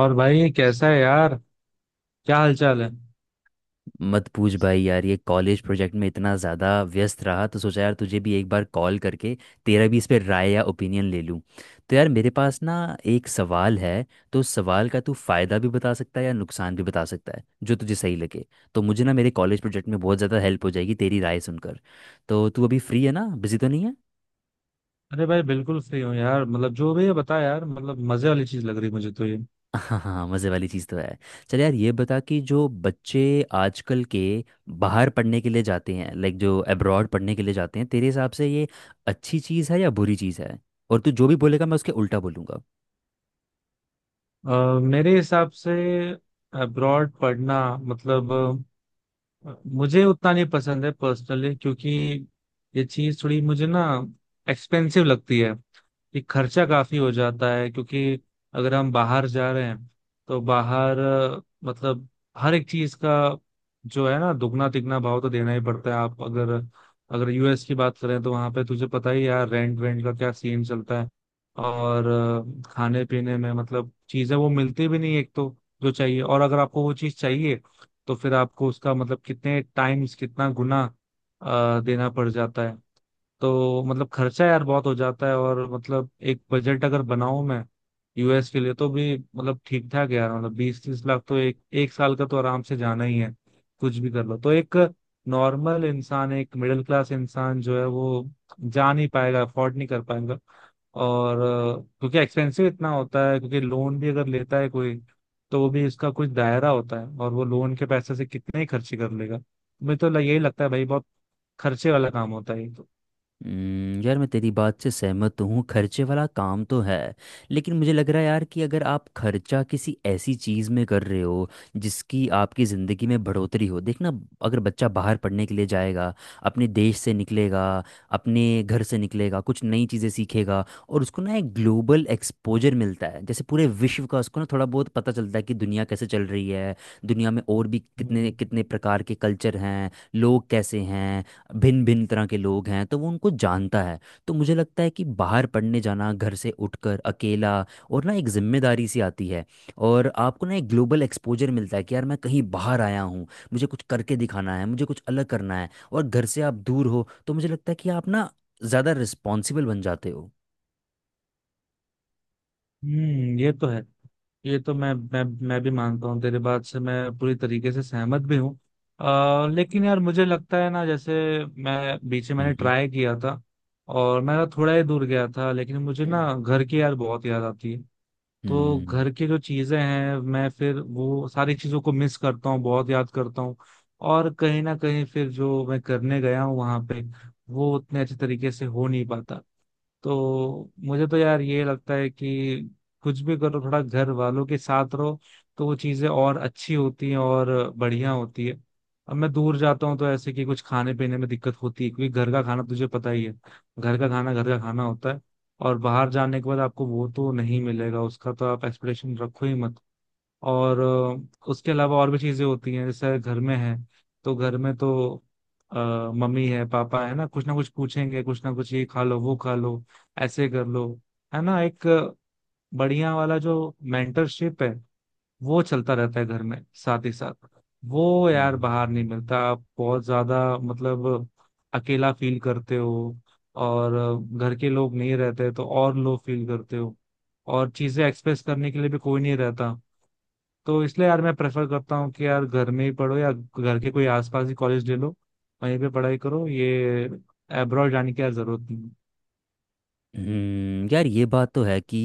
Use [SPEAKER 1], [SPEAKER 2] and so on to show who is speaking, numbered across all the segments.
[SPEAKER 1] और भाई कैसा है यार? क्या हालचाल है?
[SPEAKER 2] मत पूछ भाई यार, ये कॉलेज प्रोजेक्ट में इतना ज़्यादा व्यस्त रहा तो सोचा यार तुझे भी एक बार कॉल करके तेरा भी इस पे राय या ओपिनियन ले लूँ। तो यार मेरे पास ना एक सवाल है। तो उस सवाल का तू फ़ायदा भी बता सकता है या नुकसान भी बता सकता है जो तुझे सही लगे। तो मुझे ना मेरे कॉलेज प्रोजेक्ट में बहुत ज़्यादा हेल्प हो जाएगी तेरी राय सुनकर। तो तू अभी फ्री है ना, बिजी तो नहीं है?
[SPEAKER 1] अरे भाई बिल्कुल फ्री हूँ यार। मतलब जो भी है बता यार। मतलब मजे वाली चीज लग रही है मुझे तो ये।
[SPEAKER 2] हाँ हाँ, मज़े वाली चीज़ तो है। चल यार, ये बता कि जो बच्चे आजकल के बाहर पढ़ने के लिए जाते हैं, लाइक जो अब्रॉड पढ़ने के लिए जाते हैं, तेरे हिसाब से ये अच्छी चीज़ है या बुरी चीज़ है? और तू जो भी बोलेगा मैं उसके उल्टा बोलूँगा।
[SPEAKER 1] मेरे हिसाब से अब्रॉड पढ़ना मतलब मुझे उतना नहीं पसंद है पर्सनली, क्योंकि ये चीज थोड़ी मुझे ना एक्सपेंसिव लगती है। ये खर्चा काफी हो जाता है, क्योंकि अगर हम बाहर जा रहे हैं तो बाहर मतलब हर एक चीज का जो है ना दुगना तिगना भाव तो देना ही पड़ता है। आप अगर, अगर यूएस की बात करें तो वहां पे तुझे पता ही यार रेंट वेंट का क्या सीन चलता है। और खाने पीने में मतलब चीजें वो मिलती भी नहीं एक तो, जो चाहिए। और अगर आपको वो चीज चाहिए तो फिर आपको उसका मतलब कितने टाइम्स कितना गुना देना पड़ जाता है। तो मतलब खर्चा यार बहुत हो जाता है। और मतलब एक बजट अगर बनाऊं मैं यूएस के लिए तो भी मतलब ठीक ठाक है यार। मतलब 20-30 लाख तो एक एक साल का तो आराम से जाना ही है, कुछ भी कर लो। तो एक नॉर्मल इंसान, एक मिडिल क्लास इंसान जो है वो जा नहीं पाएगा, अफोर्ड नहीं कर पाएगा। और क्योंकि एक्सपेंसिव इतना होता है, क्योंकि लोन भी अगर लेता है कोई तो वो भी इसका कुछ दायरा होता है, और वो लोन के पैसे से कितने ही खर्चे कर लेगा। मुझे तो यही लगता है भाई, बहुत खर्चे वाला काम होता है ये तो।
[SPEAKER 2] यार मैं तेरी बात से सहमत तो हूँ, खर्चे वाला काम तो है। लेकिन मुझे लग रहा है यार कि अगर आप खर्चा किसी ऐसी चीज़ में कर रहे हो जिसकी आपकी ज़िंदगी में बढ़ोतरी हो, देखना। अगर बच्चा बाहर पढ़ने के लिए जाएगा, अपने देश से निकलेगा, अपने घर से निकलेगा, कुछ नई चीज़ें सीखेगा और उसको ना एक ग्लोबल एक्सपोजर मिलता है, जैसे पूरे विश्व का उसको ना थोड़ा बहुत पता चलता है कि दुनिया कैसे चल रही है। दुनिया में और भी कितने
[SPEAKER 1] हम्म।
[SPEAKER 2] कितने प्रकार के कल्चर हैं, लोग कैसे हैं, भिन्न भिन्न तरह के लोग हैं, तो वो उनको जानता है। तो मुझे लगता है कि बाहर पढ़ने जाना, घर से उठकर अकेला, और ना एक जिम्मेदारी सी आती है। और आपको ना एक ग्लोबल एक्सपोजर मिलता है कि यार मैं कहीं बाहर आया हूँ, मुझे कुछ करके दिखाना है, मुझे कुछ अलग करना है, और घर से आप दूर हो तो मुझे लगता है कि आप ना ज़्यादा रिस्पॉन्सिबल बन जाते हो।
[SPEAKER 1] हम्म, ये तो है। ये तो मैं मैं भी मानता हूँ, तेरे बात से मैं पूरी तरीके से सहमत भी हूँ। लेकिन यार मुझे लगता है ना, जैसे मैं बीच में मैंने
[SPEAKER 2] हम्म।
[SPEAKER 1] ट्राई किया था और मैं थोड़ा ही दूर गया था, लेकिन मुझे
[SPEAKER 2] हम्म।
[SPEAKER 1] ना घर की यार बहुत याद आती है। तो
[SPEAKER 2] हम्म।
[SPEAKER 1] घर की जो चीजें हैं मैं फिर वो सारी चीजों को मिस करता हूँ, बहुत याद करता हूँ। और कहीं ना कहीं फिर जो मैं करने गया हूँ वहां पे वो उतने अच्छे तरीके से हो नहीं पाता। तो मुझे तो यार ये लगता है कि कुछ भी करो, थोड़ा घर वालों के साथ रहो, तो वो चीजें और अच्छी होती हैं, और बढ़िया होती है। अब मैं दूर जाता हूँ तो ऐसे कि कुछ खाने पीने में दिक्कत होती है, क्योंकि घर का खाना तुझे पता ही है, घर का खाना होता है। और बाहर जाने के बाद आपको वो तो नहीं मिलेगा, उसका तो आप एक्सपेक्टेशन रखो ही मत। और उसके अलावा और भी चीजें होती हैं, जैसे घर में है तो घर में तो अ, मम्मी है पापा है ना, कुछ ना कुछ पूछेंगे, कुछ ना कुछ ये खा लो वो खा लो, ऐसे कर लो। है ना, एक बढ़िया वाला जो मेंटरशिप है वो चलता रहता है घर में, साथ ही साथ। वो यार बाहर नहीं
[SPEAKER 2] हम्म।
[SPEAKER 1] मिलता, आप बहुत ज्यादा मतलब अकेला फील करते हो। और घर के लोग नहीं रहते तो और लो फील करते हो, और चीजें एक्सप्रेस करने के लिए भी कोई नहीं रहता। तो इसलिए यार मैं प्रेफर करता हूँ कि यार घर में ही पढ़ो या घर के कोई आसपास ही कॉलेज ले लो, वहीं पे पढ़ाई करो। ये एब्रॉड जाने की यार जरूरत नहीं।
[SPEAKER 2] यार ये बात तो है कि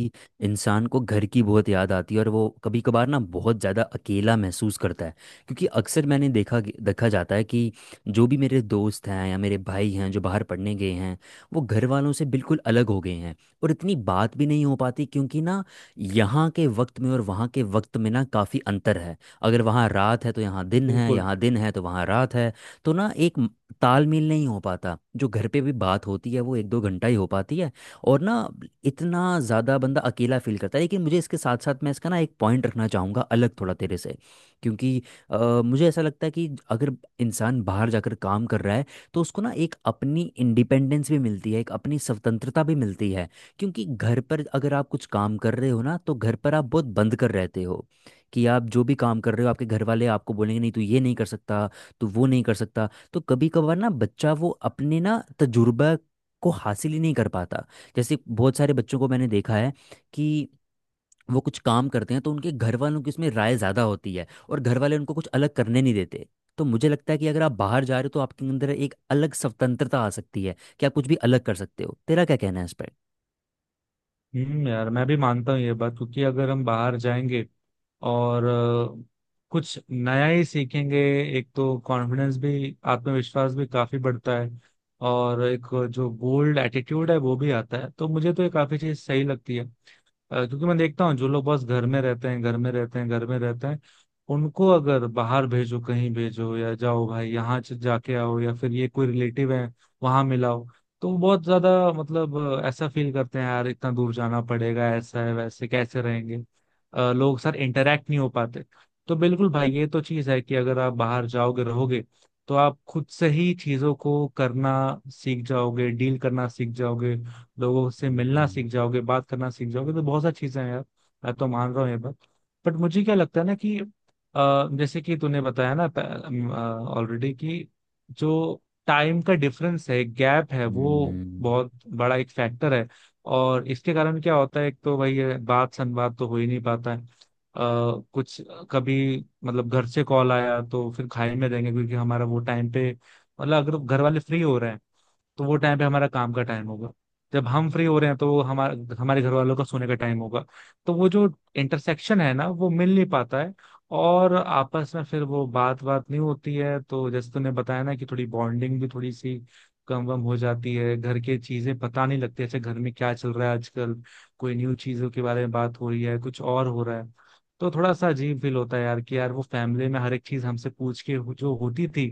[SPEAKER 2] इंसान को घर की बहुत याद आती है और वो कभी कभार ना बहुत ज़्यादा अकेला महसूस करता है। क्योंकि अक्सर मैंने देखा देखा जाता है कि जो भी मेरे दोस्त हैं या मेरे भाई हैं जो बाहर पढ़ने गए हैं, वो घर वालों से बिल्कुल अलग हो गए हैं। और इतनी बात भी नहीं हो पाती क्योंकि ना यहाँ के वक्त में और वहाँ के वक्त में ना काफ़ी अंतर है। अगर वहाँ रात है तो यहाँ दिन है,
[SPEAKER 1] बिल्कुल।
[SPEAKER 2] यहाँ दिन है तो वहाँ रात है। तो ना एक तालमेल नहीं हो पाता, जो घर पे भी बात होती है वो एक दो घंटा ही हो पाती है। और ना इतना ज़्यादा बंदा अकेला फील करता है, लेकिन मुझे इसके साथ साथ मैं इसका ना एक पॉइंट रखना चाहूँगा अलग थोड़ा तेरे से। क्योंकि मुझे ऐसा लगता है कि अगर इंसान बाहर जाकर काम कर रहा है तो उसको ना एक अपनी इंडिपेंडेंस भी मिलती है, एक अपनी स्वतंत्रता भी मिलती है। क्योंकि घर पर अगर आप कुछ काम कर रहे हो ना, तो घर पर आप बहुत बंद कर रहते हो कि आप जो भी काम कर रहे हो आपके घर वाले आपको बोलेंगे, नहीं तू ये नहीं कर सकता, तू वो नहीं कर सकता। तो कभी कभार ना बच्चा वो अपने ना तजुर्बा को हासिल ही नहीं कर पाता। जैसे बहुत सारे बच्चों को मैंने देखा है कि वो कुछ काम करते हैं तो उनके घर वालों की उसमें राय ज़्यादा होती है और घर वाले उनको कुछ अलग करने नहीं देते। तो मुझे लगता है कि अगर आप बाहर जा रहे हो तो आपके अंदर एक अलग स्वतंत्रता आ सकती है कि आप कुछ भी अलग कर सकते हो। तेरा क्या कहना है इस पर?
[SPEAKER 1] हम्म, यार मैं भी मानता हूँ ये बात, क्योंकि अगर हम बाहर जाएंगे और कुछ नया ही सीखेंगे। एक तो कॉन्फिडेंस भी, आत्मविश्वास भी काफी बढ़ता है। और एक जो बोल्ड एटीट्यूड है वो भी आता है, तो मुझे तो ये काफी चीज सही लगती है। क्योंकि मैं देखता हूँ जो लोग बस घर में रहते हैं, घर में रहते हैं, घर में रहते हैं, उनको अगर बाहर भेजो, कहीं भेजो, या जाओ भाई यहाँ जाके आओ, या फिर ये कोई रिलेटिव है वहां मिलाओ, तो वो बहुत ज्यादा मतलब ऐसा फील करते हैं यार, इतना दूर जाना पड़ेगा, ऐसा है, वैसे कैसे रहेंगे, लोग सर इंटरेक्ट नहीं हो पाते। तो बिल्कुल भाई, ये तो चीज है कि अगर आप बाहर जाओगे रहोगे तो आप खुद से ही चीजों को करना सीख जाओगे, डील करना सीख जाओगे, लोगों से मिलना
[SPEAKER 2] हम्म।
[SPEAKER 1] सीख जाओगे, बात करना सीख जाओगे। तो बहुत सारी चीजें हैं यार, मैं तो मान रहा हूँ ये बात। बट मुझे क्या लगता है ना कि जैसे कि तूने बताया ना ऑलरेडी कि जो टाइम का डिफरेंस है, गैप है, वो
[SPEAKER 2] हम्म।
[SPEAKER 1] बहुत बड़ा एक फैक्टर है। और इसके कारण क्या होता है, एक तो वही है, बात संवाद तो हो ही नहीं पाता है। कुछ कभी मतलब घर से कॉल आया तो फिर खाई में देंगे, क्योंकि हमारा वो टाइम पे मतलब अगर घर वाले फ्री हो रहे हैं तो वो टाइम पे हमारा काम का टाइम होगा, जब हम फ्री हो रहे हैं तो वो हमारे हमारे घर वालों का सोने का टाइम होगा। तो वो जो इंटरसेक्शन है ना वो मिल नहीं पाता है, और आपस में फिर वो बात बात नहीं होती है। तो जैसे तूने बताया ना कि थोड़ी बॉन्डिंग भी थोड़ी सी कम वम हो जाती है, घर के चीजें पता नहीं लगती अच्छा घर में क्या चल रहा है आजकल, कोई न्यू चीजों के बारे में बात हो रही है, कुछ और हो रहा है। तो थोड़ा सा अजीब फील होता है यार, कि यार वो फैमिली में हर एक चीज हमसे पूछ के जो होती थी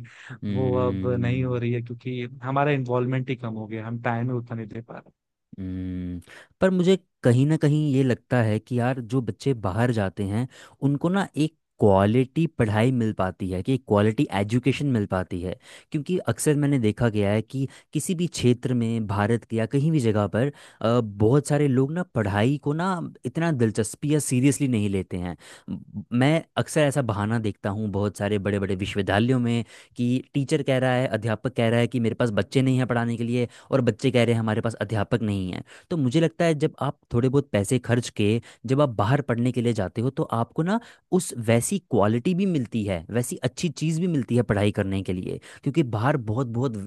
[SPEAKER 1] वो अब नहीं हो
[SPEAKER 2] हम्म।
[SPEAKER 1] रही है, क्योंकि हमारा इन्वॉल्वमेंट ही कम हो गया, हम टाइम ही उतना नहीं दे पा रहे।
[SPEAKER 2] हम्म। पर मुझे कहीं ना कहीं ये लगता है कि यार जो बच्चे बाहर जाते हैं उनको ना एक क्वालिटी पढ़ाई मिल पाती है, कि क्वालिटी एजुकेशन मिल पाती है। क्योंकि अक्सर मैंने देखा गया है कि किसी भी क्षेत्र में भारत के या कहीं भी जगह पर बहुत सारे लोग ना पढ़ाई को ना इतना दिलचस्पी या सीरियसली नहीं लेते हैं। मैं अक्सर ऐसा बहाना देखता हूँ बहुत सारे बड़े बड़े विश्वविद्यालयों में कि टीचर कह रहा है, अध्यापक कह रहा है कि मेरे पास बच्चे नहीं हैं पढ़ाने के लिए, और बच्चे कह रहे हैं हमारे पास अध्यापक नहीं है। तो मुझे लगता है जब आप थोड़े बहुत पैसे खर्च के, जब आप बाहर पढ़ने के लिए जाते हो तो आपको ना उस वैसी क्वालिटी भी मिलती है, वैसी अच्छी चीज़ भी मिलती है पढ़ाई करने के लिए, क्योंकि बाहर बहुत बहुत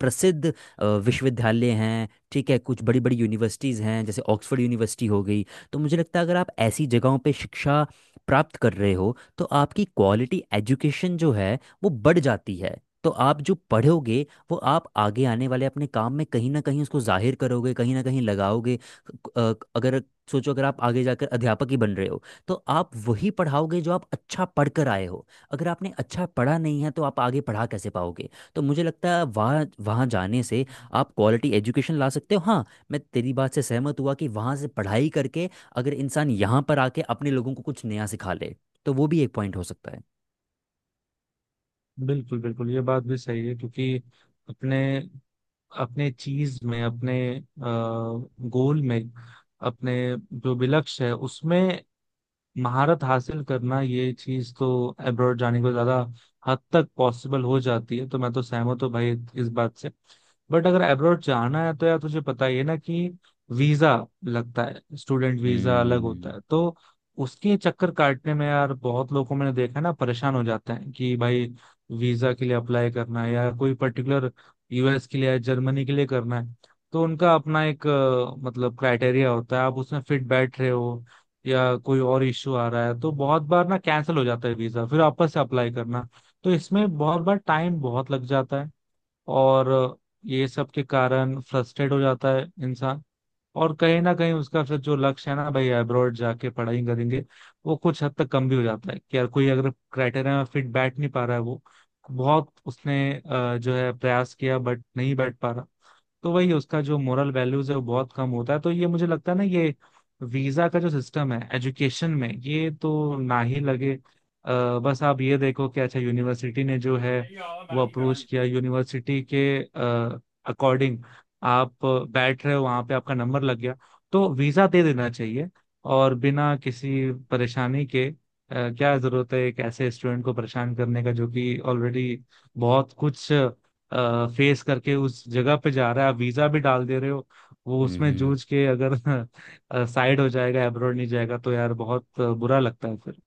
[SPEAKER 2] प्रसिद्ध विश्वविद्यालय हैं। ठीक है, कुछ बड़ी बड़ी यूनिवर्सिटीज़ हैं जैसे ऑक्सफोर्ड यूनिवर्सिटी हो गई। तो मुझे लगता है अगर आप ऐसी जगहों पे शिक्षा प्राप्त कर रहे हो तो आपकी क्वालिटी एजुकेशन जो है वो बढ़ जाती है। तो आप जो पढ़ोगे वो आप आगे आने वाले अपने काम में कहीं ना कहीं उसको जाहिर करोगे, कहीं ना कहीं लगाओगे। अगर सोचो अगर आप आगे जाकर अध्यापक ही बन रहे हो तो आप वही पढ़ाओगे जो आप अच्छा पढ़ कर आए हो। अगर आपने अच्छा पढ़ा नहीं है तो आप आगे पढ़ा कैसे पाओगे? तो मुझे लगता है वहाँ वहाँ जाने से आप क्वालिटी एजुकेशन ला सकते हो। हाँ, मैं तेरी बात से सहमत हुआ कि वहाँ से पढ़ाई करके अगर इंसान यहाँ पर आके अपने लोगों को कुछ नया सिखा ले, तो वो भी एक पॉइंट हो सकता है।
[SPEAKER 1] बिल्कुल बिल्कुल, ये बात भी सही है। क्योंकि अपने, अपने चीज में, अपने गोल में, अपने जो भी लक्ष्य है उसमें महारत हासिल करना, ये चीज तो अब्रॉड जाने को ज्यादा हद तक पॉसिबल हो जाती है। तो मैं तो सहमत हूँ भाई इस बात से। बट अगर अब्रॉड जाना है तो यार तुझे पता ही है ना कि वीजा लगता है, स्टूडेंट वीजा अलग होता
[SPEAKER 2] हम्म।
[SPEAKER 1] है। तो उसके चक्कर काटने में यार बहुत लोगों को मैंने देखा है ना, परेशान हो जाते हैं कि भाई वीजा के लिए अप्लाई करना है, या कोई पर्टिकुलर यूएस के लिए या जर्मनी के लिए करना है, तो उनका अपना एक मतलब क्राइटेरिया होता है, आप उसमें फिट बैठ रहे हो या कोई और इश्यू आ रहा है। तो बहुत बार ना कैंसिल हो जाता है वीजा, फिर वापस से अप्लाई करना। तो इसमें बहुत बार टाइम बहुत लग जाता है, और ये सब के कारण फ्रस्ट्रेट हो जाता है इंसान। और कहीं ना कहीं उसका फिर जो लक्ष्य है ना भाई अब्रॉड जाके पढ़ाई करेंगे, वो कुछ हद तक कम भी हो जाता है। कि यार कोई अगर क्राइटेरिया में फिट बैठ नहीं पा रहा है, वो बहुत उसने जो है प्रयास किया बट नहीं बैठ पा रहा, तो वही उसका जो मोरल वैल्यूज है वो बहुत कम होता है। तो ये मुझे लगता है ना, ये वीजा का जो सिस्टम है एजुकेशन में ये तो ना ही लगे। बस आप ये देखो कि अच्छा यूनिवर्सिटी ने जो है वो अप्रोच किया, यूनिवर्सिटी के अकॉर्डिंग आप बैठ रहे हो, वहां पे आपका नंबर लग गया, तो वीजा दे देना चाहिए, और बिना किसी परेशानी के। क्या जरूरत है एक ऐसे स्टूडेंट को परेशान करने का, जो कि ऑलरेडी बहुत कुछ फेस करके उस जगह पे जा रहा है। आप वीजा भी डाल दे रहे हो, वो उसमें
[SPEAKER 2] हम्म।
[SPEAKER 1] जूझ के अगर साइड हो जाएगा, अब्रॉड नहीं जाएगा, तो यार बहुत बुरा लगता है फिर।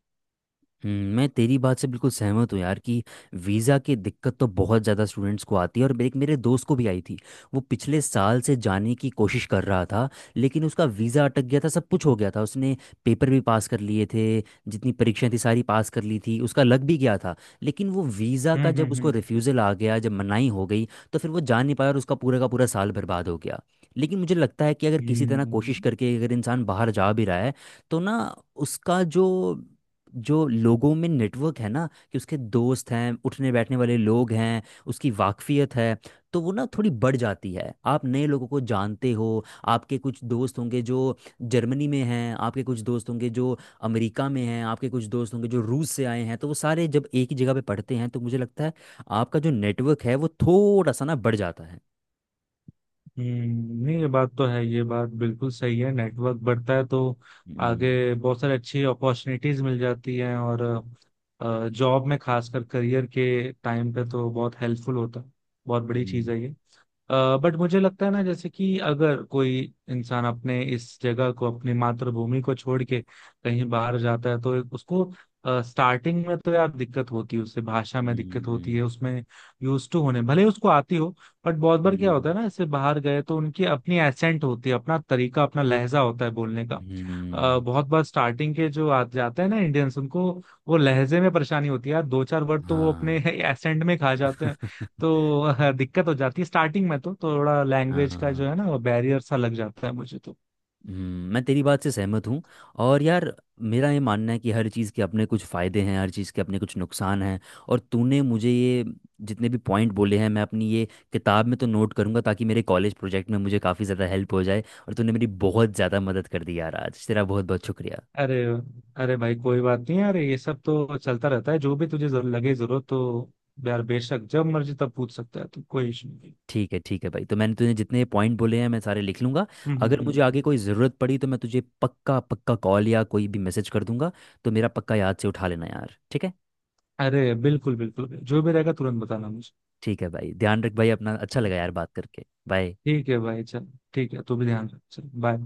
[SPEAKER 2] मैं तेरी बात से बिल्कुल सहमत हूँ यार कि वीज़ा की दिक्कत तो बहुत ज़्यादा स्टूडेंट्स को आती है, और एक मेरे दोस्त को भी आई थी। वो पिछले साल से जाने की कोशिश कर रहा था, लेकिन उसका वीज़ा अटक गया था, सब कुछ हो गया था उसने, पेपर भी पास कर लिए थे, जितनी परीक्षाएं थी सारी पास कर ली थी, उसका लग भी गया था। लेकिन वो वीज़ा का जब उसको
[SPEAKER 1] हम्म।
[SPEAKER 2] रिफ्यूज़ल आ गया, जब मनाही हो गई, तो फिर वो जा नहीं पाया और उसका पूरा का पूरा साल बर्बाद हो गया। लेकिन मुझे लगता है कि अगर किसी तरह कोशिश
[SPEAKER 1] हम्म।
[SPEAKER 2] करके अगर इंसान बाहर जा भी रहा है तो ना उसका जो जो लोगों में नेटवर्क है ना, कि उसके दोस्त हैं, उठने बैठने वाले लोग हैं, उसकी वाकफियत है, तो वो ना थोड़ी बढ़ जाती है। आप नए लोगों को जानते हो, आपके कुछ दोस्त होंगे जो जर्मनी में हैं, आपके कुछ दोस्त होंगे जो अमेरिका में हैं, आपके कुछ दोस्त होंगे जो रूस से आए हैं, तो वो सारे जब एक ही जगह पे पढ़ते हैं तो मुझे लगता है आपका जो नेटवर्क है वो थोड़ा सा ना बढ़ जाता है।
[SPEAKER 1] नहीं ये बात तो है, ये बात बिल्कुल सही है, नेटवर्क बढ़ता है तो
[SPEAKER 2] हम्म।
[SPEAKER 1] आगे बहुत सारी अच्छी अपॉर्चुनिटीज मिल जाती हैं, और जॉब में खासकर करियर के टाइम पे तो बहुत हेल्पफुल होता है। बहुत बड़ी चीज़
[SPEAKER 2] हम्म।
[SPEAKER 1] है ये। बट मुझे लगता है ना, जैसे कि अगर कोई इंसान अपने इस जगह को, अपनी मातृभूमि को छोड़ के कहीं बाहर जाता है, तो उसको स्टार्टिंग में तो यार दिक्कत होती है, उससे भाषा में दिक्कत होती
[SPEAKER 2] हम्म।
[SPEAKER 1] है, उसमें यूज टू होने भले ही उसको आती हो। बट बहुत बार क्या होता
[SPEAKER 2] हम्म।
[SPEAKER 1] है ना, इससे बाहर गए तो उनकी अपनी एसेंट होती है, अपना तरीका, अपना लहजा होता है बोलने का।
[SPEAKER 2] हम्म।
[SPEAKER 1] बहुत बार स्टार्टिंग के जो आ जाते हैं ना इंडियंस, उनको वो लहजे में परेशानी होती है यार, दो चार वर्ड तो वो अपने
[SPEAKER 2] हाँ।
[SPEAKER 1] एसेंट में खा जाते हैं। तो दिक्कत हो जाती है स्टार्टिंग में, तो थोड़ा लैंग्वेज का जो
[SPEAKER 2] हाँ।
[SPEAKER 1] है ना वो बैरियर सा लग जाता है मुझे तो।
[SPEAKER 2] मैं तेरी बात से सहमत हूँ। और यार मेरा ये मानना है कि हर चीज़ के अपने कुछ फ़ायदे हैं, हर चीज़ के अपने कुछ नुकसान हैं। और तूने मुझे ये जितने भी पॉइंट बोले हैं मैं अपनी ये किताब में तो नोट करूँगा, ताकि मेरे कॉलेज प्रोजेक्ट में मुझे काफ़ी ज़्यादा हेल्प हो जाए, और तूने मेरी बहुत ज़्यादा मदद कर दी यार, आज तेरा बहुत बहुत शुक्रिया।
[SPEAKER 1] अरे, अरे भाई कोई बात नहीं यार, ये सब तो चलता रहता है। जो भी तुझे जरूर, लगे जरूरत तो यार बेशक जब मर्जी तब पूछ सकता है तू, कोई इशू नहीं।
[SPEAKER 2] ठीक है भाई, तो मैंने तूने जितने पॉइंट बोले हैं मैं सारे लिख लूँगा।
[SPEAKER 1] हम्म हम्म
[SPEAKER 2] अगर मुझे
[SPEAKER 1] हम्म।
[SPEAKER 2] आगे कोई ज़रूरत पड़ी तो मैं तुझे पक्का पक्का कॉल या कोई भी मैसेज कर दूंगा। तो मेरा पक्का याद से उठा लेना यार, ठीक है?
[SPEAKER 1] अरे बिल्कुल बिल्कुल, जो भी रहेगा तुरंत बताना मुझे।
[SPEAKER 2] ठीक है भाई, ध्यान रख भाई अपना, अच्छा लगा यार बात करके। बाय।
[SPEAKER 1] ठीक है भाई, चल ठीक है, तू भी ध्यान रख। चल, बाय।